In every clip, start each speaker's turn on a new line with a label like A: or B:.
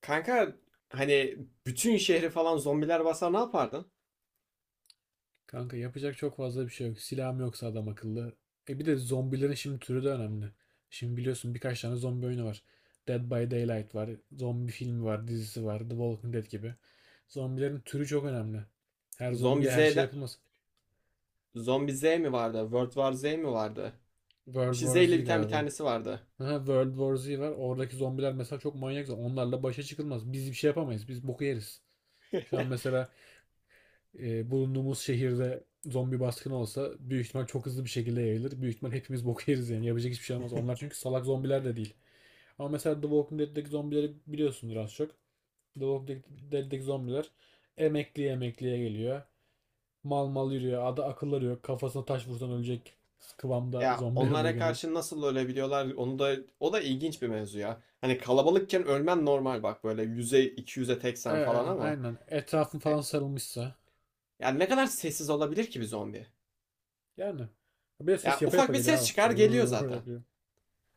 A: Kanka hani bütün şehri falan zombiler basa ne yapardın?
B: Kanka yapacak çok fazla bir şey yok. Silahım yoksa adam akıllı. E bir de zombilerin şimdi türü de önemli. Şimdi biliyorsun birkaç tane zombi oyunu var. Dead by Daylight var. Zombi filmi var, dizisi var. The Walking Dead gibi. Zombilerin türü çok önemli. Her
A: Zombi
B: zombiye her şey
A: Z'de
B: yapılmaz.
A: Zombi Z mi vardı? World War Z mi vardı? Bir
B: World
A: şey Z
B: War
A: ile
B: Z
A: biten bir
B: galiba.
A: tanesi vardı.
B: Aha, World War Z var. Oradaki zombiler mesela çok manyak. Onlarla başa çıkılmaz. Biz bir şey yapamayız. Biz boku yeriz. Şu an mesela bulunduğumuz şehirde zombi baskını olsa büyük ihtimal çok hızlı bir şekilde yayılır. Büyük ihtimal hepimiz boku yeriz yani. Yapacak hiçbir şey olmaz. Onlar çünkü salak zombiler de değil. Ama mesela The Walking Dead'deki zombileri biliyorsundur az çok. The Walking Dead'deki zombiler emekliye emekliye geliyor. Mal mal yürüyor. Adı akılları yok. Kafasına taş vursan ölecek kıvamda
A: Ya
B: zombiler oluyor
A: onlara
B: genelde.
A: karşı nasıl ölebiliyorlar? Onu da o da ilginç bir mevzu ya. Hani kalabalıkken ölmen normal bak böyle 100'e 200'e teksen falan ama
B: Aynen. Etrafın falan
A: he-
B: sarılmışsa.
A: ya ne kadar sessiz olabilir ki bir zombi?
B: Yani. Bir de
A: Ya
B: ses yapa
A: ufak
B: yapa
A: bir
B: geliyor
A: ses çıkar geliyor
B: abi.
A: zaten.
B: Yapıyor.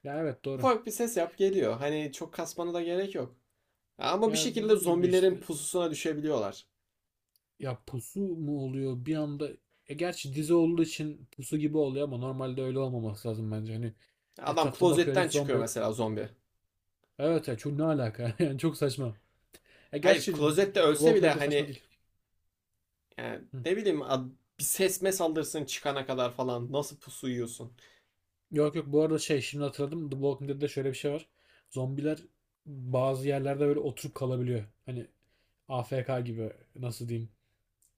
B: Ya evet doğru.
A: Ufak bir ses yap geliyor. Hani çok kasmana da gerek yok. Ya ama bir
B: Ya
A: şekilde
B: dediğim gibi
A: zombilerin
B: işte,
A: pususuna düşebiliyorlar.
B: ya pusu mu oluyor bir anda? E gerçi dizi olduğu için pusu gibi oluyor ama normalde öyle olmaması lazım bence. Hani
A: Adam
B: etrafta bakıyor
A: klozetten
B: hiç zombi
A: çıkıyor
B: yok.
A: mesela zombi.
B: Evet ya, çok ne alaka? Yani çok saçma. E
A: Hayır
B: gerçi The
A: klozette ölse
B: Walking
A: bile
B: Dead de saçma
A: hani
B: değil.
A: yani
B: Hı.
A: ne bileyim bir sesme saldırsın çıkana kadar falan nasıl pusu yiyorsun?
B: Yok yok, bu arada şey şimdi hatırladım. The Walking Dead'de şöyle bir şey var. Zombiler bazı yerlerde böyle oturup kalabiliyor. Hani AFK gibi, nasıl diyeyim.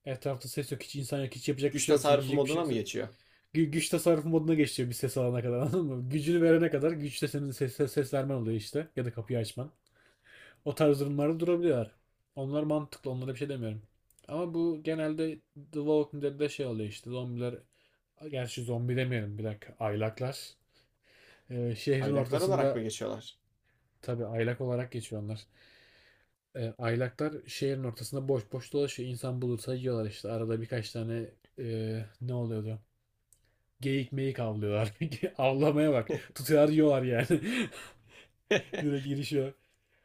B: Etrafta ses yok, hiç insan yok, hiç yapacak bir
A: Güç
B: şey yoksa,
A: tasarrufu
B: yiyecek bir şey
A: moduna mı
B: yoksa
A: geçiyor?
B: güç tasarrufu moduna geçiyor bir ses alana kadar, anladın mı? Gücünü verene kadar, güçte senin ses vermen oluyor işte. Ya da kapıyı açman. O tarz durumlarda durabiliyorlar. Onlar mantıklı. Onlara bir şey demiyorum. Ama bu genelde The Walking Dead'de şey oluyor işte. Zombiler, gerçi zombi demeyelim bir dakika. Aylaklar. Şehrin
A: Aylaklar olarak mı
B: ortasında,
A: geçiyorlar?
B: tabii aylak olarak geçiyor onlar. Aylaklar şehrin ortasında boş boş dolaşıyor. İnsan bulursa yiyorlar işte. Arada birkaç tane ne oluyordu? Geyik meyik avlıyorlar. Avlamaya bak. Tutuyorlar yiyorlar yani. Direkt girişiyor.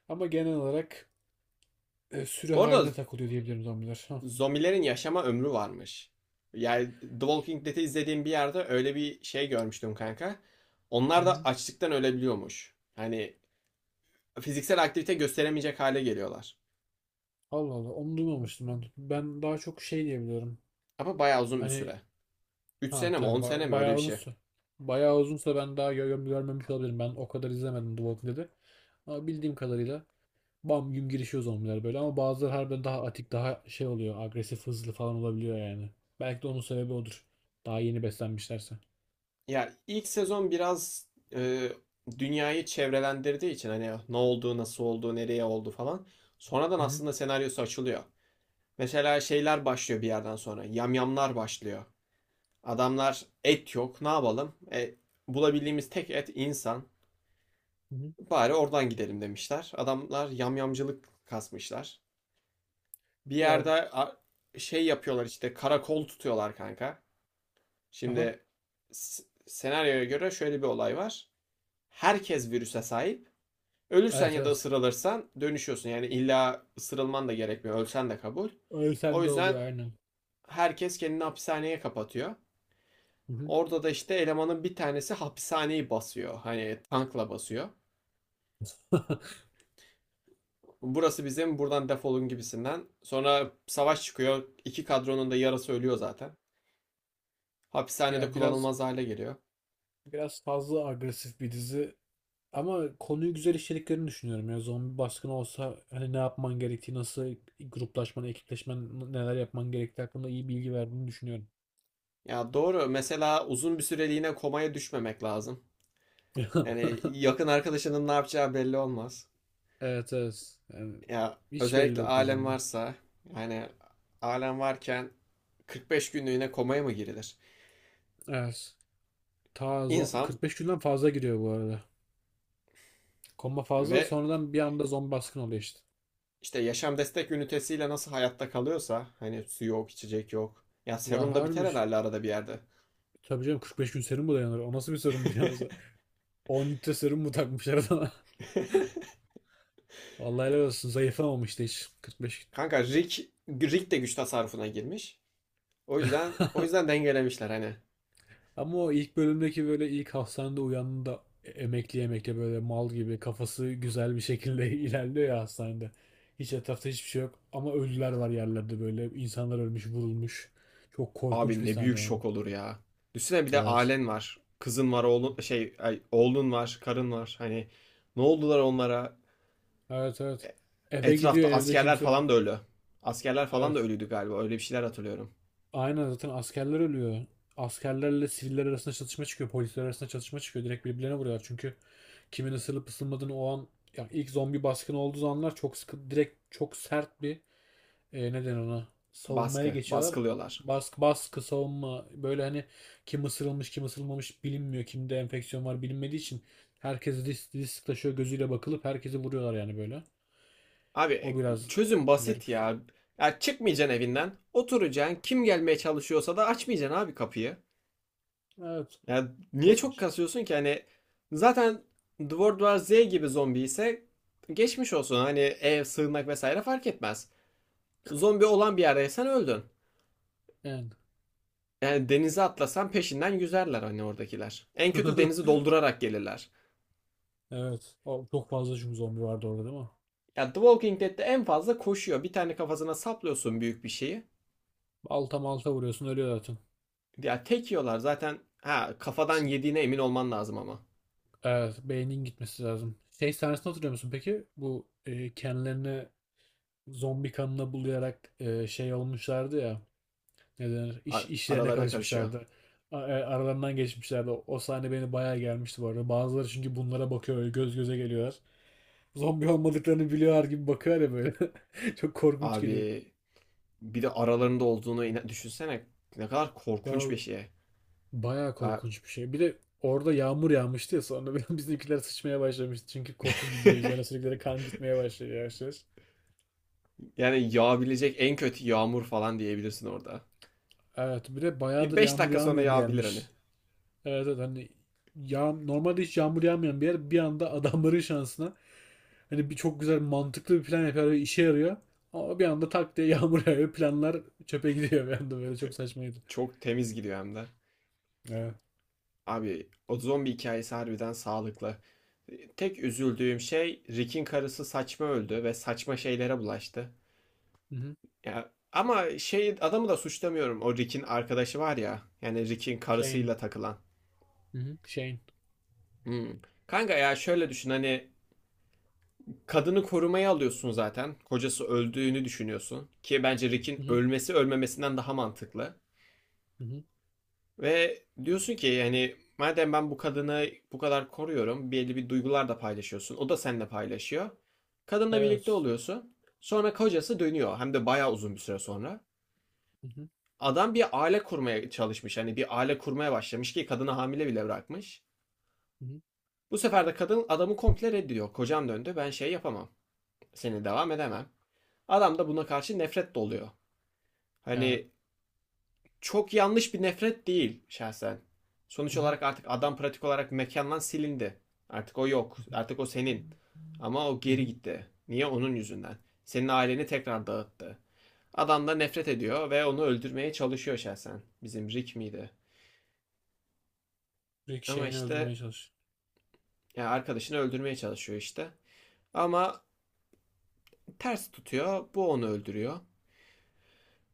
B: Ama genel olarak sürü
A: Bu arada
B: haline takılıyor diyebilirim zombiler. Ha.
A: zombilerin yaşama ömrü varmış. Yani The Walking Dead'i izlediğim bir yerde öyle bir şey görmüştüm kanka.
B: Hı
A: Onlar da
B: hı.
A: açlıktan ölebiliyormuş. Hani fiziksel aktivite gösteremeyecek hale geliyorlar.
B: Allah Allah, onu duymamıştım ben. Ben daha çok şey diyebiliyorum.
A: Ama bayağı uzun bir
B: Hani
A: süre. Üç
B: ha
A: sene mi 10
B: tabii
A: sene mi öyle bir
B: bayağı
A: şey.
B: uzunsa. Bayağı uzunsa ben daha görmemiş olabilirim. Ben o kadar izlemedim The Walking Dead'i. Ama bildiğim kadarıyla bam güm girişiyor zombiler böyle, ama bazıları harbiden daha atik daha şey oluyor, agresif hızlı falan olabiliyor yani. Belki de onun sebebi odur. Daha yeni beslenmişlerse.
A: Ya ilk sezon biraz e, dünyayı çevrelendirdiği için hani ne oldu, nasıl oldu, nereye oldu falan. Sonradan
B: Hı hı.
A: aslında senaryosu açılıyor. Mesela şeyler başlıyor bir yerden sonra. Yamyamlar başlıyor. Adamlar et yok, ne yapalım? Bulabildiğimiz tek et insan.
B: Hı hı.
A: Bari oradan gidelim demişler. Adamlar yamyamcılık kasmışlar. Bir
B: Ya
A: yerde şey yapıyorlar işte, karakol tutuyorlar kanka.
B: aha.
A: Şimdi senaryoya göre şöyle bir olay var. Herkes virüse sahip. Ölürsen
B: Evet
A: ya da
B: evet.
A: ısırılırsan dönüşüyorsun. Yani illa ısırılman da gerekmiyor. Ölsen de kabul. O
B: Öyle de
A: yüzden
B: oluyor, aynen.
A: herkes kendini hapishaneye kapatıyor.
B: Hı hı.
A: Orada da işte elemanın bir tanesi hapishaneyi basıyor. Hani tankla basıyor. Burası bizim, buradan defolun gibisinden. Sonra savaş çıkıyor. İki kadronun da yarısı ölüyor zaten. Hapishanede
B: Ya biraz,
A: kullanılmaz hale geliyor.
B: biraz fazla agresif bir dizi ama konuyu güzel işlediklerini düşünüyorum. Ya zombi baskını olsa, hani ne yapman gerektiği, nasıl gruplaşman, ekipleşmen, neler yapman gerektiği hakkında iyi bilgi verdiğini düşünüyorum.
A: Ya doğru. Mesela uzun bir süreliğine komaya düşmemek lazım. Yani yakın arkadaşının ne yapacağı belli olmaz.
B: Evet evet. Yani
A: Ya
B: hiç belli
A: özellikle
B: olmaz
A: alem
B: hem de.
A: varsa, yani alem varken 45 günlüğüne komaya mı girilir?
B: Evet. Ta
A: İnsan
B: 45 günden fazla gidiyor bu arada. Komba fazla
A: ve
B: sonradan bir anda zombi baskını oluyor işte.
A: işte yaşam destek ünitesiyle nasıl hayatta kalıyorsa, hani su yok, içecek yok. Ya
B: Ya
A: serum da biter
B: harbi,
A: herhalde arada bir yerde.
B: tabii canım 45 gün serum mu dayanır? O nasıl bir serum ya? 10 litre serum mu takmışlar adama? Vallahi helal olsun. Zayıflamamıştı hiç 45
A: Kanka Rick de güç tasarrufuna girmiş. O
B: gün.
A: yüzden o yüzden dengelemişler hani.
B: Ama o ilk bölümdeki böyle ilk hastanede uyandığında emekli emekli böyle mal gibi kafası güzel bir şekilde ilerliyor ya hastanede. Hiç etrafta hiçbir şey yok ama ölüler var yerlerde böyle. İnsanlar ölmüş, vurulmuş. Çok korkunç
A: Abi
B: bir
A: ne büyük
B: sahne yani.
A: şok olur ya. Düşünsene bir de
B: Evet.
A: ailen var. Kızın var, oğlun var, karın var. Hani ne oldular onlara?
B: Evet evet.
A: E-
B: Eve
A: Etrafta
B: gidiyor, evde
A: askerler
B: kimse yok.
A: falan da ölü. Askerler falan da
B: Evet.
A: ölüydü galiba. Öyle bir şeyler hatırlıyorum.
B: Aynen, zaten askerler ölüyor. Askerlerle siviller arasında çatışma çıkıyor. Polisler arasında çatışma çıkıyor. Direkt birbirlerine vuruyorlar. Çünkü kimin ısırılıp ısırmadığını o an, yani ilk zombi baskını olduğu anlar çok sıkı, direkt çok sert bir neden ona savunmaya geçiyorlar.
A: Baskılıyorlar.
B: Baskı baskı savunma böyle, hani kim ısırılmış kim ısırılmamış bilinmiyor. Kimde enfeksiyon var bilinmediği için herkes risk taşıyor gözüyle bakılıp herkesi vuruyorlar yani böyle.
A: Abi
B: O biraz
A: çözüm basit
B: garip.
A: ya. Ya çıkmayacaksın evinden. Oturacaksın. Kim gelmeye çalışıyorsa da açmayacaksın abi kapıyı.
B: Evet.
A: Ya niye
B: Ko-
A: çok kasıyorsun ki? Hani zaten The World War Z gibi zombi ise geçmiş olsun. Hani ev, sığınmak vesaire fark etmez. Zombi olan bir yerdeysen öldün.
B: Yani.
A: Yani denize atlasan peşinden yüzerler hani oradakiler. En kötü denizi doldurarak gelirler.
B: Evet. O, çok fazla çünkü zombi vardı orada değil mi?
A: Ya The Walking Dead'de en fazla koşuyor. Bir tane kafasına saplıyorsun büyük bir şeyi.
B: Alta malta vuruyorsun ölüyor zaten.
A: Ya tek yiyorlar zaten. Ha kafadan
B: Ş-
A: yediğine emin olman lazım ama.
B: Evet. Beynin gitmesi lazım. Şey sahnesini hatırlıyor musun peki? Bu kendilerini zombi kanına bulayarak şey olmuşlardı ya. Ne denir? İşlerine
A: Aralarına karışıyor.
B: karışmışlardı. Aralarından geçmişlerdi. O, o sahne beni bayağı gelmişti bu arada. Bazıları çünkü bunlara bakıyor, öyle göz göze geliyorlar. Zombi olmadıklarını biliyorlar gibi bakıyorlar ya böyle. Çok korkunç geliyor.
A: Abi bir de aralarında olduğunu düşünsene. Ne kadar korkunç
B: Ya,
A: bir şey.
B: bayağı
A: Ya-
B: korkunç bir şey. Bir de orada yağmur yağmıştı ya sonra bizimkiler sıçmaya başlamıştı. Çünkü koku gidiyor. Üzerine sürekli de kan gitmeye başlıyor yavaş yavaş.
A: yani yağabilecek en kötü yağmur falan diyebilirsin orada.
B: Evet, bir de
A: Bir
B: bayağıdır
A: 5
B: yağmur
A: dakika sonra
B: yağmayan bir
A: yağabilir
B: yermiş.
A: hani.
B: Evet evet, hani normalde hiç yağmur yağmayan bir yer bir anda adamların şansına, hani bir çok güzel mantıklı bir plan yapıyor ve işe yarıyor. Ama bir anda tak diye yağmur yağıyor. Planlar çöpe gidiyor bir anda, böyle çok saçmaydı.
A: Çok temiz gidiyor hem de.
B: Evet.
A: Abi o zombi hikayesi harbiden sağlıklı. Tek üzüldüğüm şey, Rick'in karısı saçma öldü ve saçma şeylere bulaştı.
B: Hı hı.
A: Ya ama şey, adamı da suçlamıyorum. O Rick'in arkadaşı var ya. Yani Rick'in
B: Shane.
A: karısıyla takılan.
B: Hı hı. Shane.
A: Hmm. Kanka ya şöyle düşün, hani kadını korumaya alıyorsun zaten. Kocası öldüğünü düşünüyorsun. Ki bence
B: Hı
A: Rick'in
B: hı.
A: ölmesi ölmemesinden daha mantıklı.
B: Hı hı.
A: Ve diyorsun ki, yani madem ben bu kadını bu kadar koruyorum. Belli bir duygular da paylaşıyorsun. O da seninle paylaşıyor. Kadınla birlikte
B: Evet.
A: oluyorsun. Sonra kocası dönüyor. Hem de bayağı uzun bir süre sonra.
B: Hı hı.
A: Adam bir aile kurmaya çalışmış. Hani bir aile kurmaya başlamış ki kadını hamile bile bırakmış.
B: Hı hı.
A: Bu sefer de kadın adamı komple reddediyor. Kocam döndü, ben şey yapamam. Seni devam edemem. Adam da buna karşı nefret doluyor.
B: Ya.
A: Hani çok yanlış bir nefret değil şahsen. Sonuç
B: Hı
A: olarak artık adam pratik olarak mekandan silindi. Artık o yok.
B: hı.
A: Artık o senin. Ama o
B: Hı
A: geri
B: hı.
A: gitti. Niye? Onun yüzünden. Senin aileni tekrar dağıttı. Adam da nefret ediyor ve onu öldürmeye çalışıyor şahsen. Bizim Rick miydi?
B: Sürekli
A: Ama
B: şeyini
A: işte,
B: öldürmeye çalış.
A: yani arkadaşını öldürmeye çalışıyor işte. Ama ters tutuyor. Bu onu öldürüyor.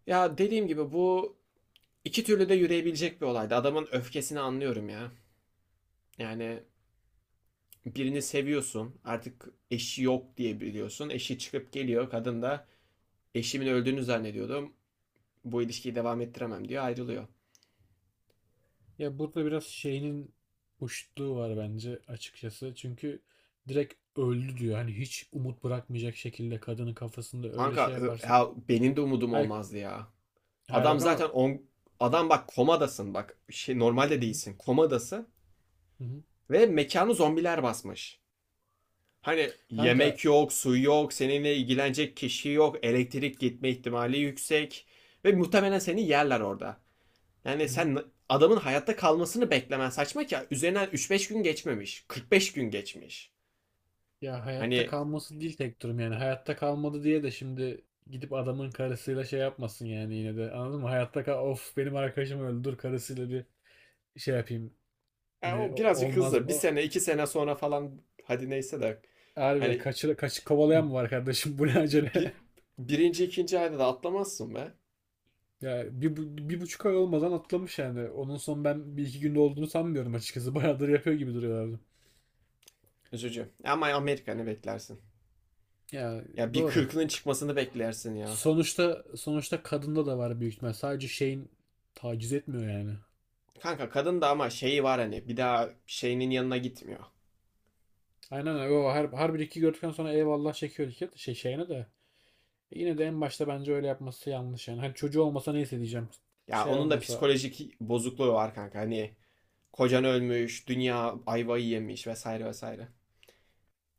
A: Ya dediğim gibi bu iki türlü de yürüyebilecek bir olaydı. Adamın öfkesini anlıyorum ya. Yani birini seviyorsun. Artık eşi yok diye biliyorsun. Eşi çıkıp geliyor. Kadın da eşimin öldüğünü zannediyordum, bu ilişkiyi devam ettiremem diyor. Ayrılıyor.
B: Ya burada biraz şeyinin hoşluğu var bence açıkçası. Çünkü direkt öldü diyor. Hani hiç umut bırakmayacak şekilde kadının kafasında öyle
A: Kanka
B: şey yaparsa.
A: ya benim de umudum
B: Hay,
A: olmazdı ya.
B: hay
A: Adam
B: bak ama
A: zaten on, adam bak, komadasın, bak şey,
B: hı
A: normalde
B: hı,
A: değilsin, komadasın
B: hı hı.
A: ve mekanı zombiler basmış. Hani
B: Kanka
A: yemek yok, su yok, seninle ilgilenecek kişi yok, elektrik gitme ihtimali yüksek ve muhtemelen seni yerler orada.
B: hı
A: Yani
B: hı.
A: sen adamın hayatta kalmasını beklemen saçma, ki üzerinden üç beş gün geçmemiş, 45 gün geçmiş.
B: Ya hayatta
A: Hani
B: kalması değil tek durum yani. Hayatta kalmadı diye de şimdi gidip adamın karısıyla şey yapmasın yani yine de. Anladın mı? Hayatta kal of, benim arkadaşım öldü, dur karısıyla bir şey yapayım.
A: ya
B: Hani
A: o birazcık
B: olmaz
A: hızlı. Bir
B: o.
A: sene, iki sene sonra falan hadi neyse de,
B: Harbi
A: hani
B: kaçı kovalayan mı var kardeşim, bu ne acele?
A: bir, birinci, ikinci ayda da atlamazsın be.
B: Ya bir, bir buçuk ay olmadan atlamış yani. Onun son ben bir iki günde olduğunu sanmıyorum açıkçası. Bayağıdır yapıyor gibi duruyorlardı.
A: Üzücü. Ama Amerika, ne beklersin?
B: Ya
A: Ya bir
B: doğru.
A: kırkının çıkmasını beklersin ya.
B: Sonuçta, sonuçta kadında da var büyük ihtimal. Sadece şeyin taciz etmiyor yani.
A: Kanka kadın da ama şeyi var, hani bir daha şeyinin yanına gitmiyor.
B: Aynen öyle. O her bir iki gördükten sonra eyvallah çekiyor iki şey şeyine de. E yine de en başta bence öyle yapması yanlış yani. Hani çocuğu olmasa neyse diyeceğim.
A: Ya
B: Şey
A: onun da
B: olmasa
A: psikolojik bozukluğu var kanka. Hani kocan ölmüş, dünya ayvayı yemiş vesaire vesaire.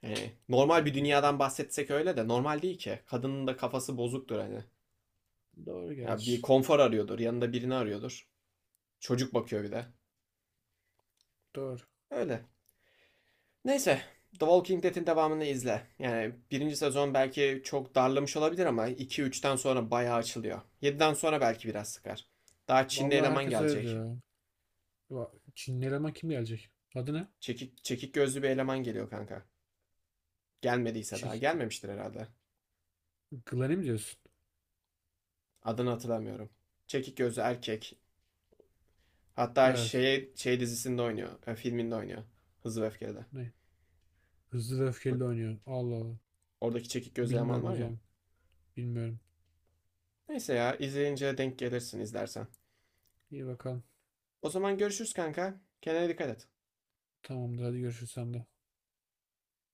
A: Yani normal bir
B: yani,
A: dünyadan bahsetsek öyle de normal değil ki. Kadının da kafası bozuktur hani.
B: doğru
A: Ya
B: gerçi.
A: bir konfor arıyordur, yanında birini arıyordur. Çocuk bakıyor bir de.
B: Doğru.
A: Öyle. Neyse, The Walking Dead'in devamını izle. Yani birinci sezon belki çok darlamış olabilir ama iki üçten sonra bayağı açılıyor. Yediden sonra belki biraz sıkar. Daha Çinli
B: Vallahi
A: eleman
B: herkes öyle
A: gelecek.
B: diyor. Ya, Çinli eleman kim gelecek? Adı ne?
A: Çekik gözlü bir eleman geliyor kanka. Gelmediyse daha.
B: Çek,
A: Gelmemiştir herhalde.
B: Glen'i mi diyorsun?
A: Adını hatırlamıyorum. Çekik gözlü erkek. Hatta
B: Evet.
A: şey dizisinde oynuyor. Filminde oynuyor. Hızlı ve Öfkeli'de.
B: Ne? Hızlı ve öfkeli de oynuyor. Allah Allah.
A: Oradaki çekik gözlü eleman
B: Bilmiyorum o
A: var ya.
B: zaman. Bilmiyorum.
A: Neyse ya, izleyince denk gelirsin izlersen.
B: İyi bakalım.
A: O zaman görüşürüz kanka. Kendine dikkat et.
B: Tamamdır, hadi görüşürüz sen de.